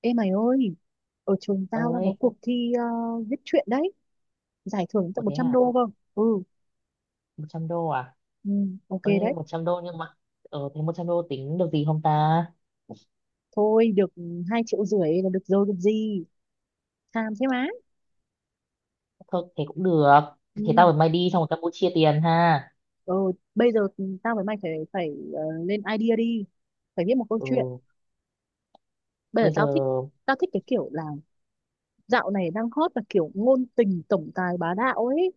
Ê mày ơi, ở trường tao đang Ơi, có cuộc thi viết truyện đấy, giải thưởng ủa tận một thế trăm hả? đô cơ. Ừ, 100 đô à? ừ, ok Ơi, đấy. 100 đô nhưng mà thế 100 đô tính được gì không ta? Thôi được, 2,5 triệu là được rồi được gì. Tham thế má. Thôi thế cũng được. Ừ. Thế tao với mày đi xong rồi Campuchia tiền ha. Rồi, bây giờ tao với mày phải phải lên idea đi. Phải viết một câu chuyện. Ừ. Bây giờ Bây giờ. tao thích cái kiểu là dạo này đang hot là kiểu ngôn tình tổng tài bá đạo ấy.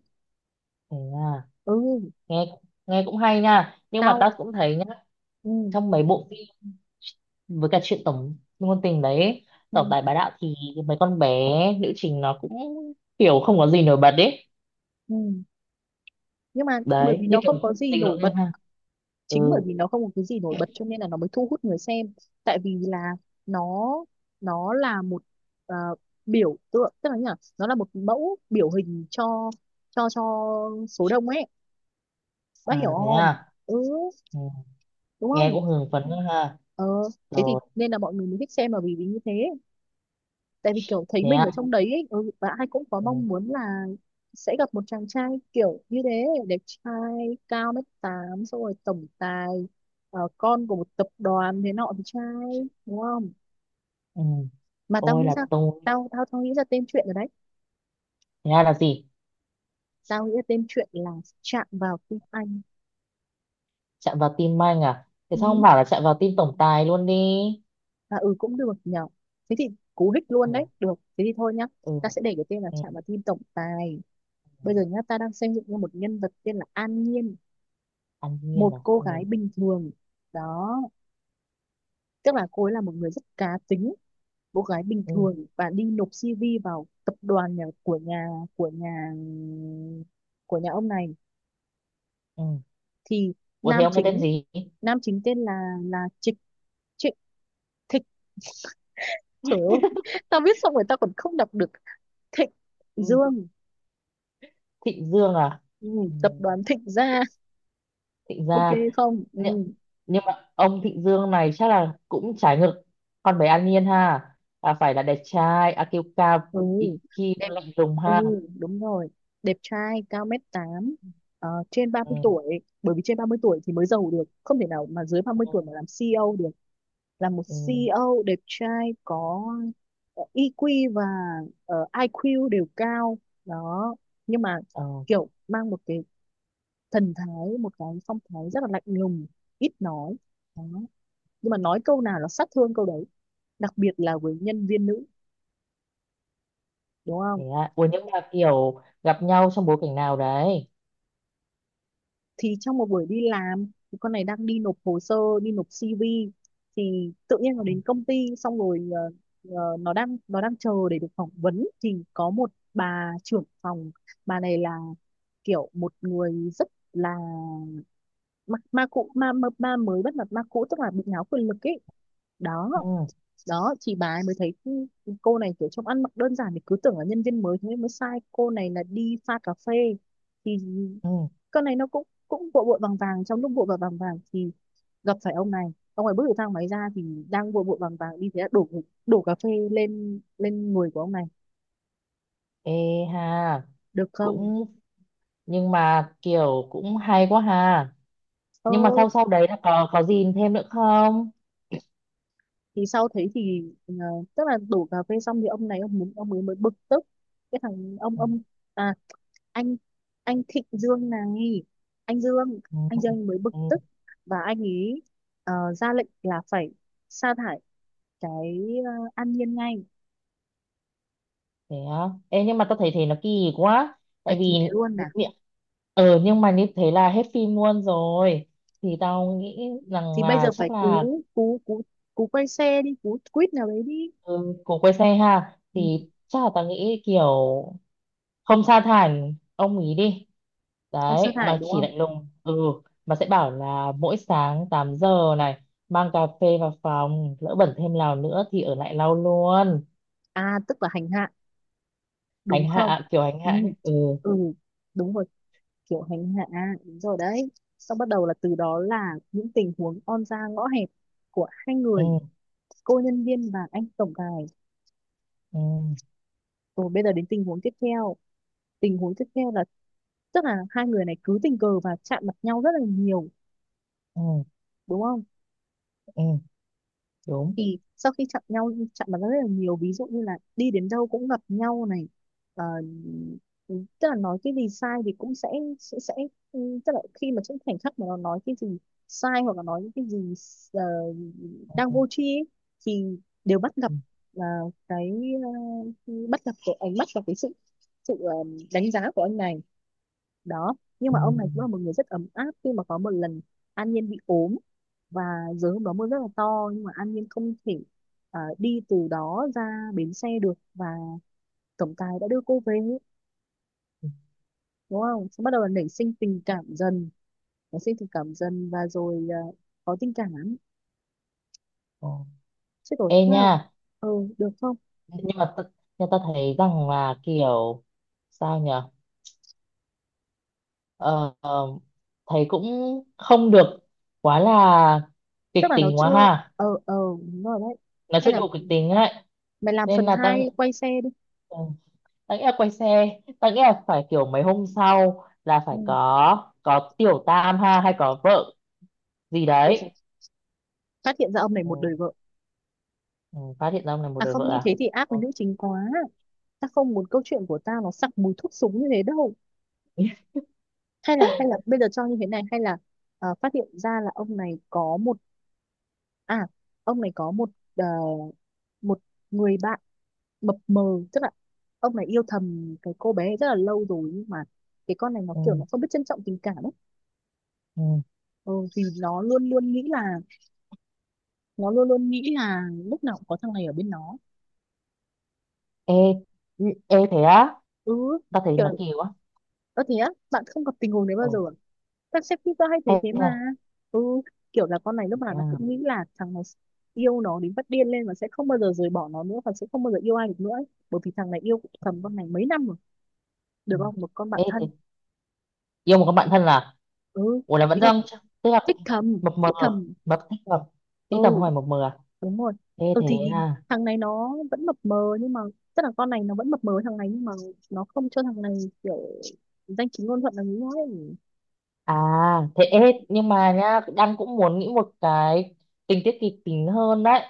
Thế à? Ừ, Nghe nghe cũng hay nha, nhưng mà tao tao cũng thấy nhá ừ, trong mấy bộ phim với cả chuyện tổng ngôn tình đấy, tổng ừ, tài bá đạo thì mấy con bé nữ chính nó cũng kiểu không có gì nổi bật đấy. ừ. Nhưng mà bởi Đấy vì như nó không có kiểu gì tình nổi lỗi bật, em ha. Ừ. chính bởi vì nó không có cái gì nổi bật cho nên là nó mới thu hút người xem. Tại vì là nó nó là một ờ, biểu tượng, tức là như là nó là một mẫu biểu hình cho cho cho số đông ấy, bác À hiểu thế không? à? Ừ, Ừ. đúng Nghe không? cũng hưng phấn Ừ. ha. ờ Thế thì Rồi. nên là mọi người mới thích xem là vì vì như thế. Tại vì kiểu thấy Thế mình à? ở trong đấy ấy, ừ, và ai cũng có Ừ. mong muốn là sẽ gặp một chàng trai kiểu như thế, đẹp trai, cao mét tám, xong rồi tổng tài, con của một tập đoàn thế nọ thì trai, đúng không? Ừ. mà tao Tôi nghĩ là ra tôi. tao tao tao nghĩ ra tên chuyện rồi đấy. Thế ra là gì? Tao nghĩ ra tên chuyện là Chạm Vào Tim Anh. Chạm vào tim anh à, thế sao không Ừ. bảo là chạm vào tim tổng tài luôn đi? Và ừ cũng được nhở? Thế thì cú hích Ừ. luôn đấy, được, thế thì thôi nhá. Ừ. Ta sẽ để cái tên là Ừ. Chạm Vào Tim Tổng Tài. Ừ. Bây giờ nhá, ta đang xây dựng ra một nhân vật tên là An Nhiên, An Nhiên một à. cô Ừ. gái bình thường, đó, tức là cô ấy là một người rất cá tính. Cô gái bình Ừ. thường và đi nộp CV vào tập đoàn nhà của nhà của nhà ông này. Ừ. Thì Ủa thế nam ông cái tên chính gì? nam chính tên là Trịch Trịch Thịch. Trời ơi, tao viết xong rồi tao còn không đọc được. Thịnh Ừ. Dương. Thịnh Dương à. Ừ, Ừ. tập đoàn Thịnh Gia. Thịnh Ok. Gia. Không. Ừ. Nhưng, nhưng mà ông Thịnh Dương này chắc là cũng trái ngược con bé An Nhiên ha, là phải là đẹp trai IQ cao, Ừ, IQ đẹp. lạnh lùng Ừ, ha. đúng rồi, đẹp trai cao mét tám, trên ba Ừ. mươi tuổi Bởi vì trên 30 tuổi thì mới giàu được, không thể nào mà dưới ba mươi Ừ. tuổi mà làm CEO được. Là một Ừ. CEO đẹp trai có EQ và IQ đều cao, đó. Nhưng mà Ờ. kiểu mang một cái phong thái rất là lạnh lùng, ít nói, đó. Nhưng mà nói câu nào là sát thương câu đấy, đặc biệt là với nhân viên nữ, đúng không? Thế à? Ủa nhưng mà kiểu gặp nhau trong bối cảnh nào đấy? Thì trong một buổi đi làm, thì con này đang đi nộp hồ sơ, đi nộp CV, thì tự nhiên nó Ừ. đến công ty xong rồi nó đang chờ để được phỏng vấn, thì có một bà trưởng phòng. Bà này là kiểu một người rất là ma mới bắt mặt ma cũ, tức là bị ngáo quyền lực ấy, đó. Ừ. Đó thì bà ấy mới thấy cô này kiểu trông ăn mặc đơn giản thì cứ tưởng là nhân viên mới, thế nên mới sai cô này là đi pha cà phê. Thì Ừ. con này nó cũng cũng vội vội vàng vàng, trong lúc vội vội vàng vàng thì gặp phải ông này. Ông ấy bước từ thang máy ra thì đang vội vội vàng vàng đi, thế là đổ đổ cà phê lên lên người của ông này, Ê ha, được không? cũng nhưng mà kiểu cũng hay quá ha. ờ Nhưng mà sau sau đấy là có gì thêm nữa không? thì sau thế thì, tức là đổ cà phê xong thì ông này ông muốn ông ấy mới bực tức. cái thằng ông Ừ. ông à anh anh Thịnh Dương này, anh Dương Ừ. anh Dương mới bực Ừ. tức, và anh ấy ra lệnh là phải sa thải cái, An Nhiên ngay. Thế á. Ê nhưng mà tao thấy thế nó kỳ quá. À Tại thì vì thế luôn à? mi- nhưng mà như thế là hết phim luôn rồi. Thì tao nghĩ rằng Thì bây giờ là phải chắc là cú cú cú cú quay xe đi, cú quýt nào đấy đi. ừ, của quê xe ha Ừ, thì chắc là tao nghĩ kiểu không sa thải ông ý đi, không sa đấy thải, mà đúng chỉ không? lạnh lùng, ừ, mà sẽ bảo là mỗi sáng 8 giờ này mang cà phê vào phòng, lỡ bẩn thêm nào nữa thì ở lại lau luôn. À tức là hành hạ, đúng Hành không? hạ kiểu hành Ừ, hạ ấy. Ừ. ừ, đúng rồi, kiểu hành hạ à, đúng rồi đấy. Xong bắt đầu là từ đó là những tình huống on ra ngõ hẹp của hai Ừ. người, cô nhân viên và anh tổng tài. Ừ. Rồi bây giờ đến tình huống tiếp theo. Tình huống tiếp theo là, tức là hai người này cứ tình cờ và chạm mặt nhau rất là nhiều, Ừ. đúng không? Ừ. Đúng. Thì sau khi chạm mặt rất là nhiều, ví dụ như là đi đến đâu cũng gặp nhau này. Ờ, Tức là nói cái gì sai thì cũng sẽ ừ, tức là khi mà trong khoảnh khắc mà nó nói cái gì sai hoặc là nói những cái gì ờ, Ừ. đang Ừ. vô tri ấy, thì đều bắt gặp, Ừ. ờ, cái cái ánh mắt và cái sự sự ờ, đánh giá của anh này, đó. Nhưng Ừ. mà ông này cũng là một người rất ấm áp, khi mà có một lần An Nhiên bị ốm và giờ hôm đó mưa rất là to, nhưng mà An Nhiên không thể đi từ đó ra bến xe được, và tổng tài đã đưa cô về, đúng không? Xong bắt đầu là nảy sinh tình cảm dần nảy sinh tình cảm dần và rồi có tình cảm lắm Ờ, chứ. Rồi ê tức là, nha, ờ được không? nhưng mà ta, nhưng ta thấy rằng là kiểu, sao nhỉ? Ờ, ờ, Thấy cũng không được quá là kịch Tức là nó tính quá chưa, ha, ờ ờ đúng rồi đấy, nó hay chưa là đủ kịch tính ấy, mày làm nên phần là tăng, hai quay xe đi. tăng nghĩ là quay xe, tăng nghĩ là phải kiểu mấy hôm sau là Ừ. phải có tiểu tam ha hay có vợ gì Ôi dồi, đấy. phát hiện ra ông này một Ừ. đời vợ, Ừ, phát hiện ra ông này một à đời không, vợ như à? thế thì ác Ừ, với nữ chính quá. Ta không muốn câu chuyện của tao nó sặc mùi thuốc súng như thế đâu. Hay là, bây giờ cho như thế này, hay là phát hiện ra là à ông này có một, ờ, một người bạn mập mờ. Tức là ông này yêu thầm cái cô bé rất là lâu rồi, nhưng mà cái con này nó kiểu ừ. nó không biết trân trọng tình cảm ấy. Ừ. Ừ, thì nó luôn luôn nghĩ là nó luôn luôn nghĩ là lúc nào cũng có thằng này ở bên nó. Ê. Ừ. Ê thế á? Ừ, Ta thấy kiểu, nó kỳ quá. ơ thế á, bạn không gặp tình huống đấy Ừ. bao giờ à? Các sếp tao hay thấy Hay thế mà. nha. Ừ, kiểu là con này lúc nào Thế nó à? cũng nghĩ là thằng này yêu nó đến phát điên lên và sẽ không bao giờ rời bỏ nó nữa và sẽ không bao giờ yêu ai được nữa ấy. Bởi vì thằng này yêu thầm con này mấy năm rồi, Ừ. được không? Một con bạn Ê thế thân. yêu một con bạn thân à? Ừ, Ủa là vẫn ý là đang tức là thích thầm, mập mờ, thích thầm. mập tích mập tí tầm Ừ, hoài mập mờ à? đúng rồi. Thế Ừ thế thì à thằng này nó vẫn mập mờ, nhưng mà tức là con này nó vẫn mập mờ với thằng này, nhưng mà nó không cho thằng này kiểu danh chính ngôn thuận là nghĩ nó ấy. à thế. Ê, nhưng mà nhá, đang cũng muốn nghĩ một cái tình tiết kịch tính hơn đấy.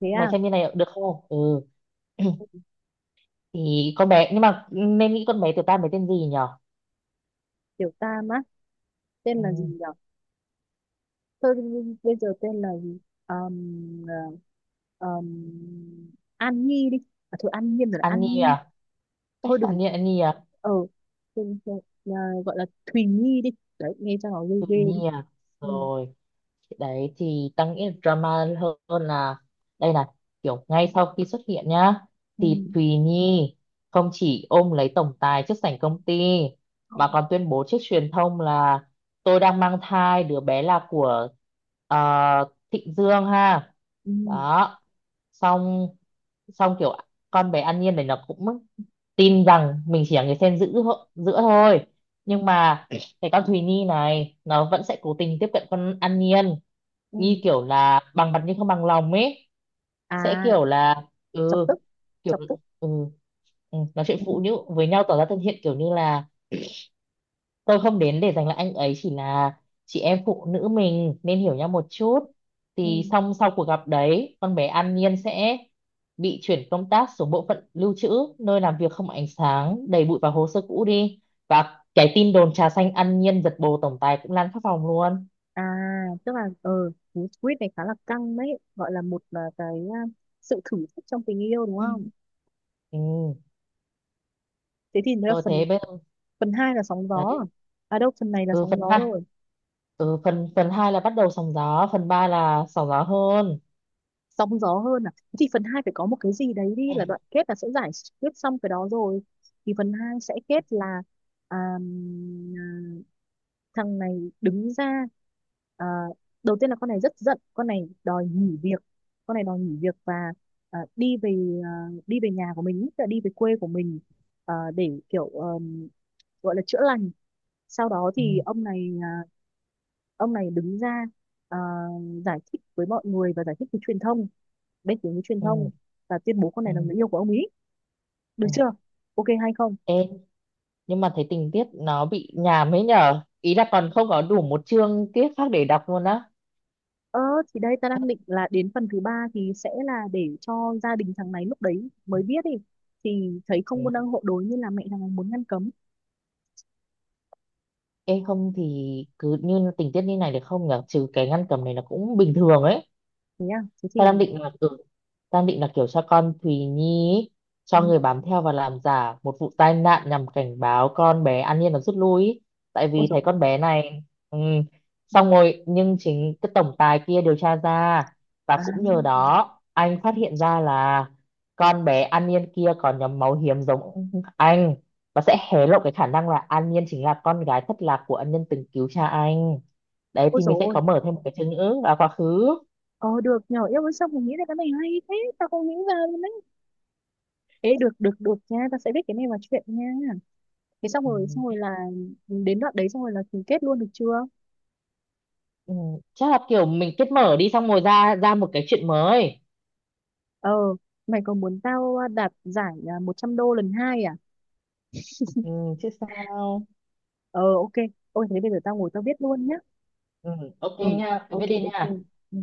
Thế Mày à, xem như này được không? Ừ. Thì con bé, nhưng mà nên nghĩ con bé tiểu tam bé tên gì nhở? kiểu ta á, tên Ừ. là gì nhỉ? Tôi bây giờ tên là gì? um, um, An Nhi đi. À, thôi An Nhiên rồi là An Annie Nhi. à? Thôi đừng, Annie Annie à? ờ đừng- đừng- à, gọi là Thùy Nhi đi, đấy nghe cho nó ghê Tuy ghê đi. nhiên. Ừ. Rồi đấy, thì tao nghĩ là drama hơn là, đây là kiểu ngay sau khi xuất hiện nhá, Ừ. thì Thùy Nhi không chỉ ôm lấy tổng tài trước sảnh công ty mà còn tuyên bố trước truyền thông là tôi đang mang thai đứa bé là của ờ, Thịnh Dương ha. Ừ. Đó, xong xong kiểu con bé An Nhiên này nó cũng tin rằng mình chỉ là người xen giữa giữa thôi, Ừ. nhưng mà cái con Thùy Nhi này nó vẫn sẽ cố tình tiếp cận con An Nhiên, Ừ. như kiểu là bằng mặt nhưng không bằng lòng ấy, À sẽ kiểu là chọc ừ, tức, kiểu, chọc tức. ừ, ừ, nói chuyện phụ Ừ. nữ với nhau tỏ ra thân thiện kiểu như là tôi không đến để giành lại anh ấy, chỉ là chị em phụ nữ mình nên hiểu nhau một chút. Ừ. Thì xong sau cuộc gặp đấy con bé An Nhiên sẽ bị chuyển công tác xuống bộ phận lưu trữ, nơi làm việc không ánh sáng, đầy bụi và hồ sơ cũ đi, và cái tin đồn trà xanh An Nhiên giật bồ tổng tài cũng lan khắp phòng luôn. À tức là, cú quýt này khá là căng đấy, gọi là một à, cái à, sự thử thách trong tình yêu, đúng Ừ. không? Ừ. Thế thì nó là Rồi phần thế bây giờ phần 2 là sóng gió à? đấy. À đâu, phần này là Ừ, sóng phần gió hai. rồi. Ừ, phần phần hai là bắt đầu sóng gió, phần ba là sóng gió hơn. Sóng gió hơn à? Thế thì phần 2 phải có một cái gì đấy đi, là đoạn kết là sẽ giải quyết xong cái đó rồi. Thì phần 2 sẽ kết là, à, à, thằng này đứng ra. À, đầu tiên là con này rất giận, con này đòi nghỉ việc và à, đi về à, đi về nhà của mình, tức là đi về quê của mình, à, để kiểu gọi là chữa lành. Sau đó thì Ừ. Ông này đứng ra, à, giải thích với mọi người và giải thích với truyền thông, bên phía với truyền thông, Ừ. và tuyên bố con Ừ. này là người yêu của ông ấy, được Ừ. chưa, ok hay không? Ê, nhưng mà thấy tình tiết nó bị nhàm ấy nhở, ý là còn không có đủ một chương tiết khác để đọc luôn á. ờ thì đây ta đang định là đến phần thứ ba thì sẽ là để cho gia đình thằng này lúc đấy mới biết đi, thì thấy Thế không muốn à? đăng hộ đối, như là mẹ thằng này muốn ngăn cấm. Ê không thì cứ như tình tiết như này được không nhở, trừ cái ngăn cầm này là cũng bình thường ấy. Thế à, thế ta thì, đang định là ừ, Ta đang định là kiểu cho con Thùy Nhi ý, cho người ừ, bám theo và làm giả một vụ tai nạn nhằm cảnh báo con bé An Nhiên nó rút lui ý, tại ôi vì dồi thấy ôi. con bé này ừ, Ừ. xong rồi nhưng chính cái tổng tài kia điều tra ra, và À, cũng nhờ đó anh phát hiện ra là con bé An Nhiên kia có nhóm máu hiếm giống anh, và sẽ hé lộ cái khả năng là An Nhiên chính là con gái thất lạc của ân nhân từng cứu cha anh. Đấy ôi thì mình dồi sẽ ôi, có mở thêm một cái chương nữa vào quá khứ. ờ được nhỏ yêu với, xong mình nghĩ ra cái này hay thế tao không nghĩ ra luôn đấy. Ê được, được, được nha, tao sẽ viết cái này vào chuyện nha. Thế xong Ừ. rồi là đến đoạn đấy, xong rồi là ký kết luôn, được chưa? Ừ, chắc là kiểu mình kết mở đi xong rồi ra ra một cái chuyện mới. Ờ, mày có muốn tao đạt giải 100 đô lần hai à? Ừ, chứ sao. Ờ, ok. Ôi thế bây giờ tao ngồi tao viết luôn nhá. Ừ, ok Ừ, nha, cứ ok, viết đi ok. nha. Ừ.